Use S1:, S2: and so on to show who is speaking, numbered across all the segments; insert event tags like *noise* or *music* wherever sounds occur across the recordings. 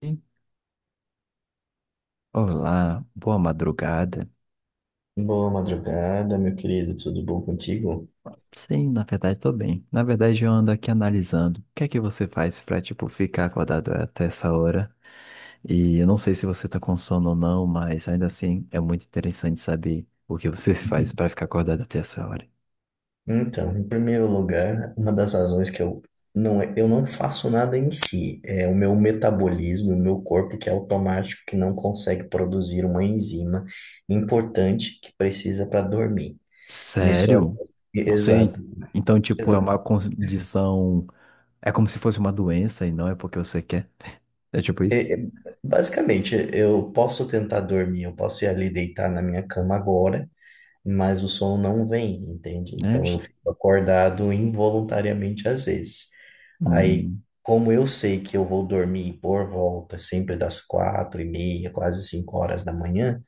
S1: Sim. Olá, boa madrugada.
S2: Boa madrugada, meu querido, tudo bom contigo?
S1: Sim, na verdade tô bem. Na verdade eu ando aqui analisando o que é que você faz pra, tipo, ficar acordado até essa hora. E eu não sei se você tá com sono ou não, mas ainda assim é muito interessante saber o que você *laughs* faz pra ficar acordado até essa hora.
S2: Então, em primeiro lugar, uma das razões que eu não faço nada em si, é o meu metabolismo, o meu corpo que é automático, que não consegue produzir uma enzima importante que precisa para dormir. Nesse horário.
S1: Sério? Você,
S2: Exato.
S1: então, tipo, é uma
S2: Exato.
S1: condição, é como se fosse uma doença e não é porque você quer. *laughs* É tipo isso?
S2: É, é. Basicamente, eu posso tentar dormir, eu posso ir ali deitar na minha cama agora, mas o som não vem, entende?
S1: É.
S2: Então eu
S1: Bicho?
S2: fico acordado involuntariamente às vezes. Aí,
S1: Hum,
S2: como eu sei que eu vou dormir por volta sempre das 4h30, quase 5 horas da manhã,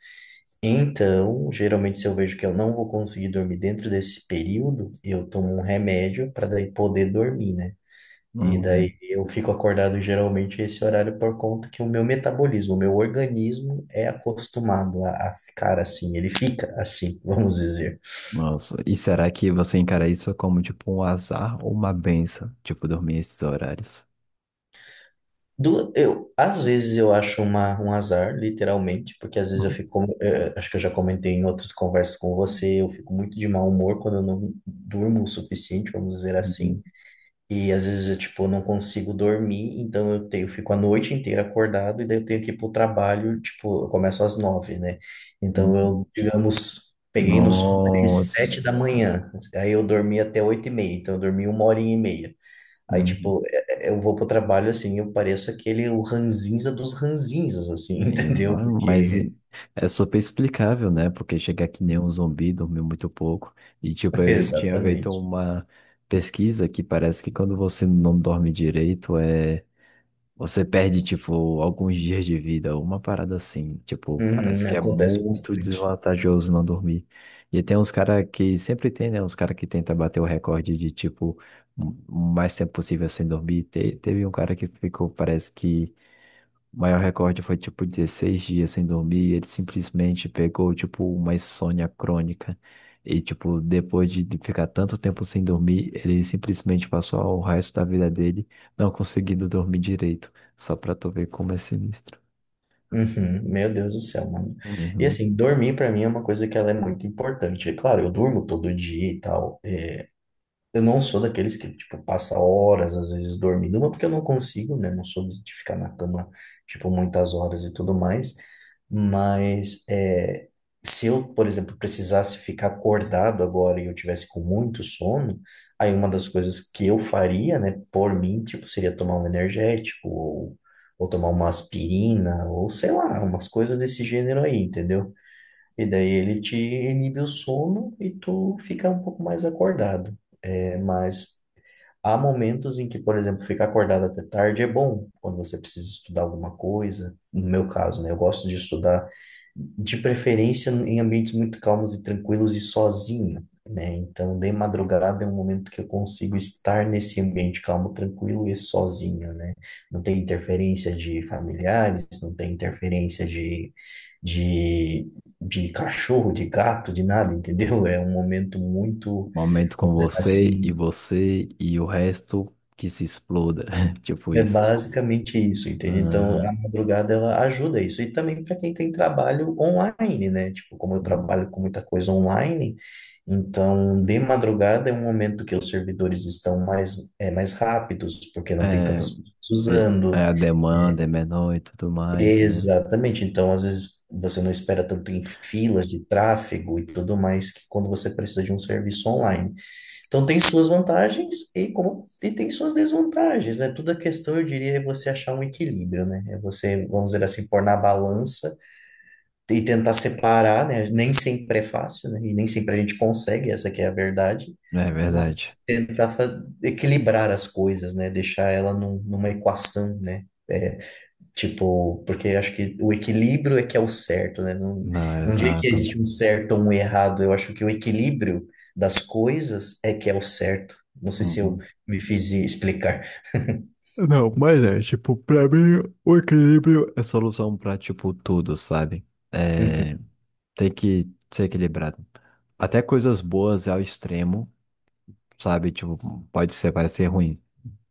S2: então geralmente se eu vejo que eu não vou conseguir dormir dentro desse período, eu tomo um remédio para daí poder dormir, né? E daí
S1: hum.
S2: eu fico acordado geralmente esse horário por conta que o meu metabolismo, o meu organismo é acostumado a ficar assim, ele fica assim, *laughs* vamos dizer.
S1: Nossa, e será que você encara isso como tipo um azar ou uma benção? Tipo, dormir esses horários?
S2: Às vezes eu acho uma, um azar, literalmente, porque às vezes eu fico, acho que eu já comentei em outras conversas com você, eu fico muito de mau humor quando eu não durmo o suficiente, vamos dizer
S1: Uhum,
S2: assim. E às vezes eu, tipo, não consigo dormir, então eu tenho, eu fico a noite inteira acordado e daí eu tenho que ir pro trabalho, tipo, eu começo às 9h, né? Então
S1: uhum.
S2: eu, digamos, peguei no sono de 7h da
S1: Nossa.
S2: manhã, aí eu dormi até 8h30, então eu dormi uma hora e meia. Aí,
S1: Uhum.
S2: tipo, eu vou pro trabalho assim, eu pareço aquele o ranzinza dos ranzinzas, assim,
S1: Bem,
S2: *laughs* entendeu?
S1: vai.
S2: Porque,
S1: É super explicável, né? Porque chegar que nem um zumbi, dormiu muito pouco. E tipo,
S2: *laughs*
S1: eu tinha feito
S2: exatamente.
S1: uma pesquisa que parece que quando você não dorme direito, é. Você perde, tipo, alguns dias de vida, uma parada assim. Tipo,
S2: Uhum,
S1: parece que é
S2: acontece
S1: muito
S2: bastante.
S1: desvantajoso não dormir. E tem uns caras que sempre tem, né? Uns caras que tenta bater o recorde de, tipo, um, o mais tempo possível sem dormir. Teve um cara que ficou, parece que. O maior recorde foi tipo 16 dias sem dormir. Ele simplesmente pegou tipo uma insônia crônica. E tipo, depois de ficar tanto tempo sem dormir, ele simplesmente passou o resto da vida dele não conseguindo dormir direito. Só pra tu ver como é sinistro.
S2: Uhum, meu Deus do céu, mano. E
S1: Uhum.
S2: assim, dormir pra mim é uma coisa que ela é muito importante. É claro, eu durmo todo dia e tal. Eu não sou daqueles que, tipo, passa horas, às vezes, dormindo, não porque eu não consigo, né? Não sou de ficar na cama, tipo, muitas horas e tudo mais. Mas, é, se eu, por exemplo, precisasse ficar acordado agora e eu tivesse com muito sono, aí uma das coisas que eu faria, né, por mim, tipo, seria tomar um energético ou tomar uma aspirina ou, sei lá, umas coisas desse gênero aí, entendeu? E daí ele te inibe o sono e tu fica um pouco mais acordado. É, mas há momentos em que, por exemplo, ficar acordado até tarde é bom, quando você precisa estudar alguma coisa. No meu caso, né? Eu gosto de estudar de preferência em ambientes muito calmos e tranquilos e sozinho, né? Então, de madrugada é um momento que eu consigo estar nesse ambiente calmo, tranquilo e sozinho, né? Não tem interferência de familiares, não tem interferência de, de cachorro, de gato, de nada, *laughs* entendeu? É um momento muito,
S1: Momento com
S2: vamos dizer
S1: você e
S2: assim.
S1: você e o resto que se exploda. *laughs* Tipo
S2: É
S1: isso.
S2: basicamente isso, entende? Então, a
S1: Aham.
S2: madrugada ela ajuda isso. E também para quem tem trabalho online, né? Tipo, como eu trabalho com muita coisa online, então de madrugada é um momento que os servidores estão mais, é, mais rápidos, porque não tem
S1: É,
S2: tantas pessoas
S1: é, é
S2: usando.
S1: a demanda é menor e tudo mais, né?
S2: Exatamente. Então, às vezes você não espera tanto em filas de tráfego e tudo mais que quando você precisa de um serviço online. Então tem suas vantagens e tem suas desvantagens, né? Tudo a questão, eu diria, é você achar um equilíbrio, né? É você, vamos dizer assim, pôr na balança e tentar separar, né? Nem sempre é fácil, né? E nem sempre a gente consegue, essa que é a verdade,
S1: É
S2: mas
S1: verdade.
S2: tentar equilibrar as coisas, né? Deixar ela numa equação, né? É, tipo, porque acho que o equilíbrio é que é o certo, né? Não,
S1: Não, é
S2: não diria que
S1: exato.
S2: existe um certo ou um errado, eu acho que o equilíbrio das coisas é que é o certo. Não sei se eu
S1: Uhum.
S2: me fiz explicar.
S1: Não, mas é, tipo, pra mim, o equilíbrio é solução pra, tipo, tudo, sabe?
S2: Uhum,
S1: É, tem que ser equilibrado. Até coisas boas ao extremo, sabe? Tipo, pode ser, parecer ruim,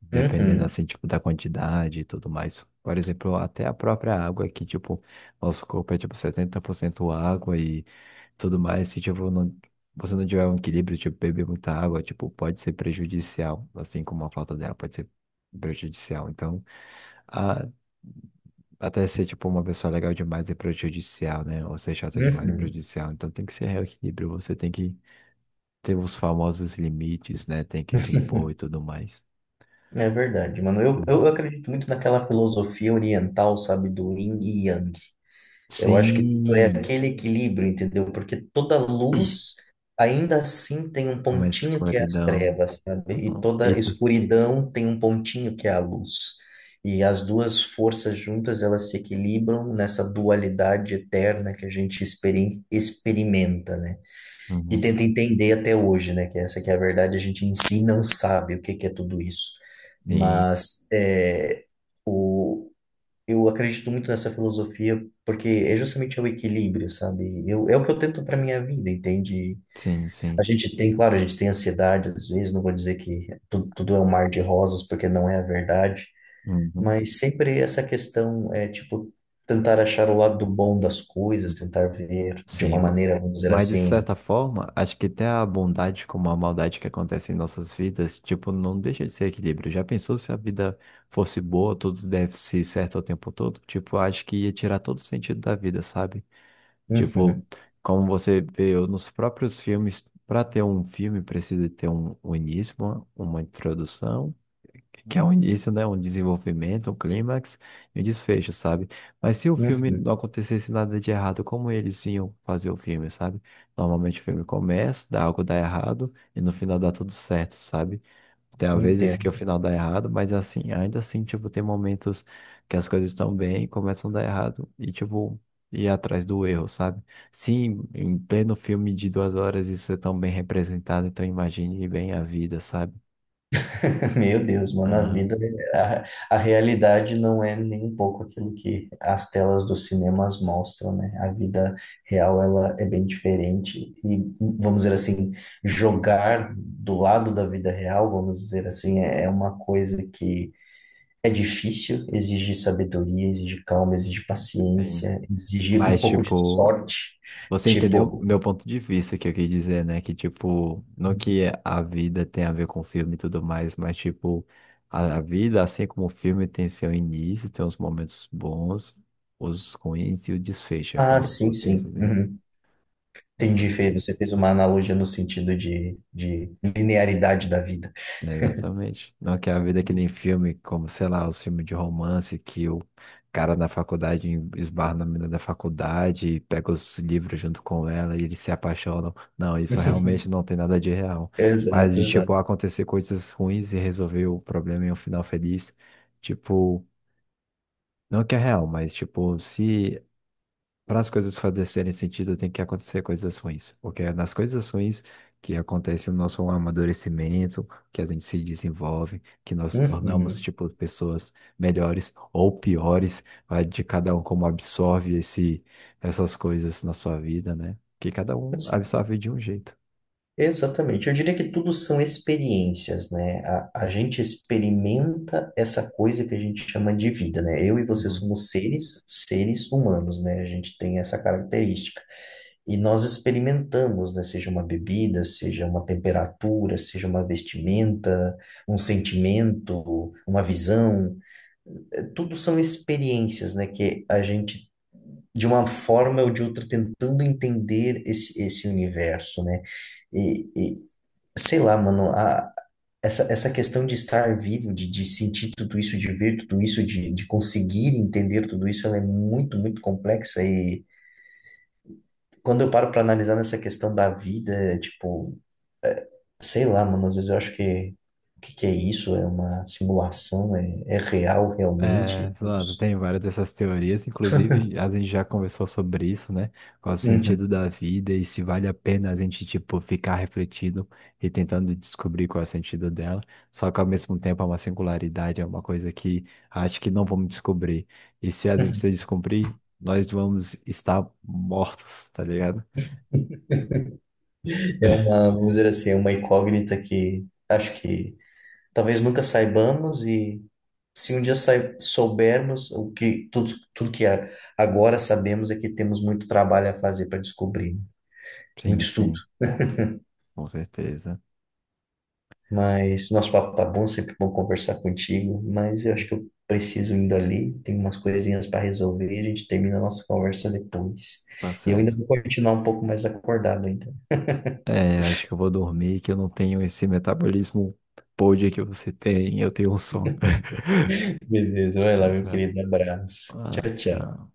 S1: dependendo,
S2: uhum,
S1: assim, tipo, da quantidade e tudo mais. Por exemplo, até a própria água que, tipo, nosso corpo é, tipo, 70% água e tudo mais. Se, tipo, não, você não tiver um equilíbrio, tipo, beber muita água, tipo, pode ser prejudicial, assim como a falta dela pode ser prejudicial. Então, a, até ser, tipo, uma pessoa legal demais é prejudicial, né? Ou ser chata demais é
S2: uhum.
S1: prejudicial. Então, tem que ser equilíbrio, você tem que ter os famosos limites, né? Tem que se impor e tudo mais.
S2: É verdade, mano. Eu,
S1: Uhum.
S2: eu acredito muito naquela filosofia oriental, sabe, do yin e yang. Eu acho que
S1: Sim,
S2: tudo é aquele equilíbrio, entendeu? Porque toda luz ainda assim tem um
S1: uma
S2: pontinho que é as
S1: escuridão.
S2: trevas, sabe? E
S1: Uhum. E
S2: toda
S1: tu-
S2: escuridão tem um pontinho que é a luz. E as duas forças juntas, elas se equilibram nessa dualidade eterna que a gente experimenta, né? E
S1: Uhum.
S2: tenta entender até hoje, né? Que essa que é a verdade, a gente em si não sabe o que que é tudo isso.
S1: Sim,
S2: Mas é, eu acredito muito nessa filosofia porque é justamente o equilíbrio, sabe? É o que eu tento para minha vida, entende?
S1: sim,
S2: A
S1: sim.
S2: gente tem, claro, a gente tem ansiedade às vezes, não vou dizer que tudo, tudo é um mar de rosas, porque não é a verdade,
S1: Uhum.
S2: mas sempre essa questão é, tipo, tentar achar o lado do bom das coisas, tentar ver de uma
S1: Sim.
S2: maneira, vamos dizer
S1: Mas de
S2: assim,
S1: certa forma, acho que até a bondade como a maldade que acontece em nossas vidas, tipo, não deixa de ser equilíbrio. Já pensou se a vida fosse boa, tudo deve ser certo o tempo todo? Tipo, acho que ia tirar todo o sentido da vida, sabe? Tipo,
S2: uhum,
S1: como você vê nos próprios filmes, para ter um filme precisa ter um, um início, uma introdução. Que é um início, né? Um desenvolvimento, um clímax e um desfecho, sabe? Mas se o filme
S2: uhum,
S1: não acontecesse nada de errado, como eles iam fazer o filme, sabe? Normalmente o filme começa, dá algo dá errado e no final dá tudo certo, sabe? Tem às vezes que
S2: entendo.
S1: o final dá errado, mas assim, ainda assim, tipo, tem momentos que as coisas estão bem e começam a dar errado e, tipo, ir atrás do erro, sabe? Sim, em pleno filme de 2 horas isso é tão bem representado, então imagine bem a vida, sabe?
S2: *laughs* Meu Deus, mano, a
S1: Aham.
S2: vida, a realidade não é nem um pouco aquilo que as telas dos cinemas mostram, né? A vida real, ela é bem diferente e, vamos dizer assim, jogar do lado da vida real, vamos dizer assim, é uma coisa que é difícil, exige sabedoria, exige calma, exige
S1: Sim.
S2: paciência, exige um
S1: Mas,
S2: pouco de
S1: tipo,
S2: sorte,
S1: você entendeu
S2: tipo,
S1: meu ponto de vista que eu quis dizer, né? Que, tipo, não que a vida tem a ver com filme e tudo mais, mas, tipo, a vida, assim como o filme, tem seu início, tem os momentos bons, os ruins e o desfecho, é
S2: ah,
S1: como
S2: sim,
S1: você
S2: sim,
S1: entendeu?
S2: uhum. Entendi, Fê. Você fez uma analogia no sentido de linearidade da vida.
S1: É, exatamente. Não que a vida é que nem filme, como, sei lá, os filmes de romance que o cara na faculdade esbarra na menina da faculdade, e pega os livros junto com ela e eles se apaixonam. Não, isso
S2: *laughs*
S1: realmente não tem nada de real. Mas
S2: Exato,
S1: de, tipo,
S2: exato.
S1: acontecer coisas ruins e resolver o problema em um final feliz, tipo, não que é real, mas, tipo, se para as coisas fazerem sentido, tem que acontecer coisas ruins, porque é nas coisas ruins que acontece o nosso amadurecimento, que a gente se desenvolve, que nós tornamos,
S2: Uhum.
S1: tipo, pessoas melhores ou piores, vai de cada um como absorve esse, essas coisas na sua vida, né? Que cada um absorve de um jeito.
S2: Exatamente. Eu diria que tudo são experiências, né? A gente experimenta essa coisa que a gente chama de vida, né? Eu e você
S1: Né?
S2: somos seres, seres humanos, né? A gente tem essa característica. E nós experimentamos, né? Seja uma bebida, seja uma temperatura, seja uma vestimenta, um sentimento, uma visão. Tudo são experiências, né? Que a gente, de uma forma ou de outra, tentando entender esse universo, né? E, e- Sei lá, mano, a, essa questão de estar vivo, de sentir tudo isso, de ver tudo isso, de conseguir entender tudo isso, ela é muito, muito complexa. E quando eu paro para analisar nessa questão da vida, tipo, é, sei lá, mano, às vezes eu acho que o que, que é isso? É uma simulação? É real
S1: É,
S2: realmente?
S1: Fernando, tem várias dessas teorias, inclusive a gente já conversou sobre isso, né? Qual o
S2: Uhum.
S1: sentido da vida e se vale a pena a gente, tipo, ficar refletindo e tentando descobrir qual é o sentido dela. Só que ao mesmo tempo é uma singularidade, é uma coisa que acho que não vamos descobrir. E se a gente se
S2: *laughs*
S1: descobrir, nós vamos estar mortos, tá ligado?
S2: É
S1: *laughs*
S2: uma, vamos dizer assim, é uma incógnita que acho que talvez nunca saibamos e. Se um dia soubermos o que tudo, tudo que agora sabemos é que temos muito trabalho a fazer para descobrir, né? Muito
S1: Sim,
S2: estudo.
S1: sim, com certeza.
S2: Mas nosso papo tá bom, sempre bom conversar contigo, mas eu acho que eu preciso indo ali, tem umas coisinhas para resolver, a gente termina a nossa conversa depois.
S1: Tá
S2: E eu ainda
S1: certo.
S2: vou continuar um pouco mais acordado ainda.
S1: É, acho que eu vou dormir, que eu não tenho esse metabolismo pôde que você tem, eu tenho um sono. *laughs*
S2: Beleza, vai lá,
S1: Mas,
S2: meu
S1: né,
S2: querido, abraço.
S1: ah,
S2: Tchau, tchau.
S1: tchau.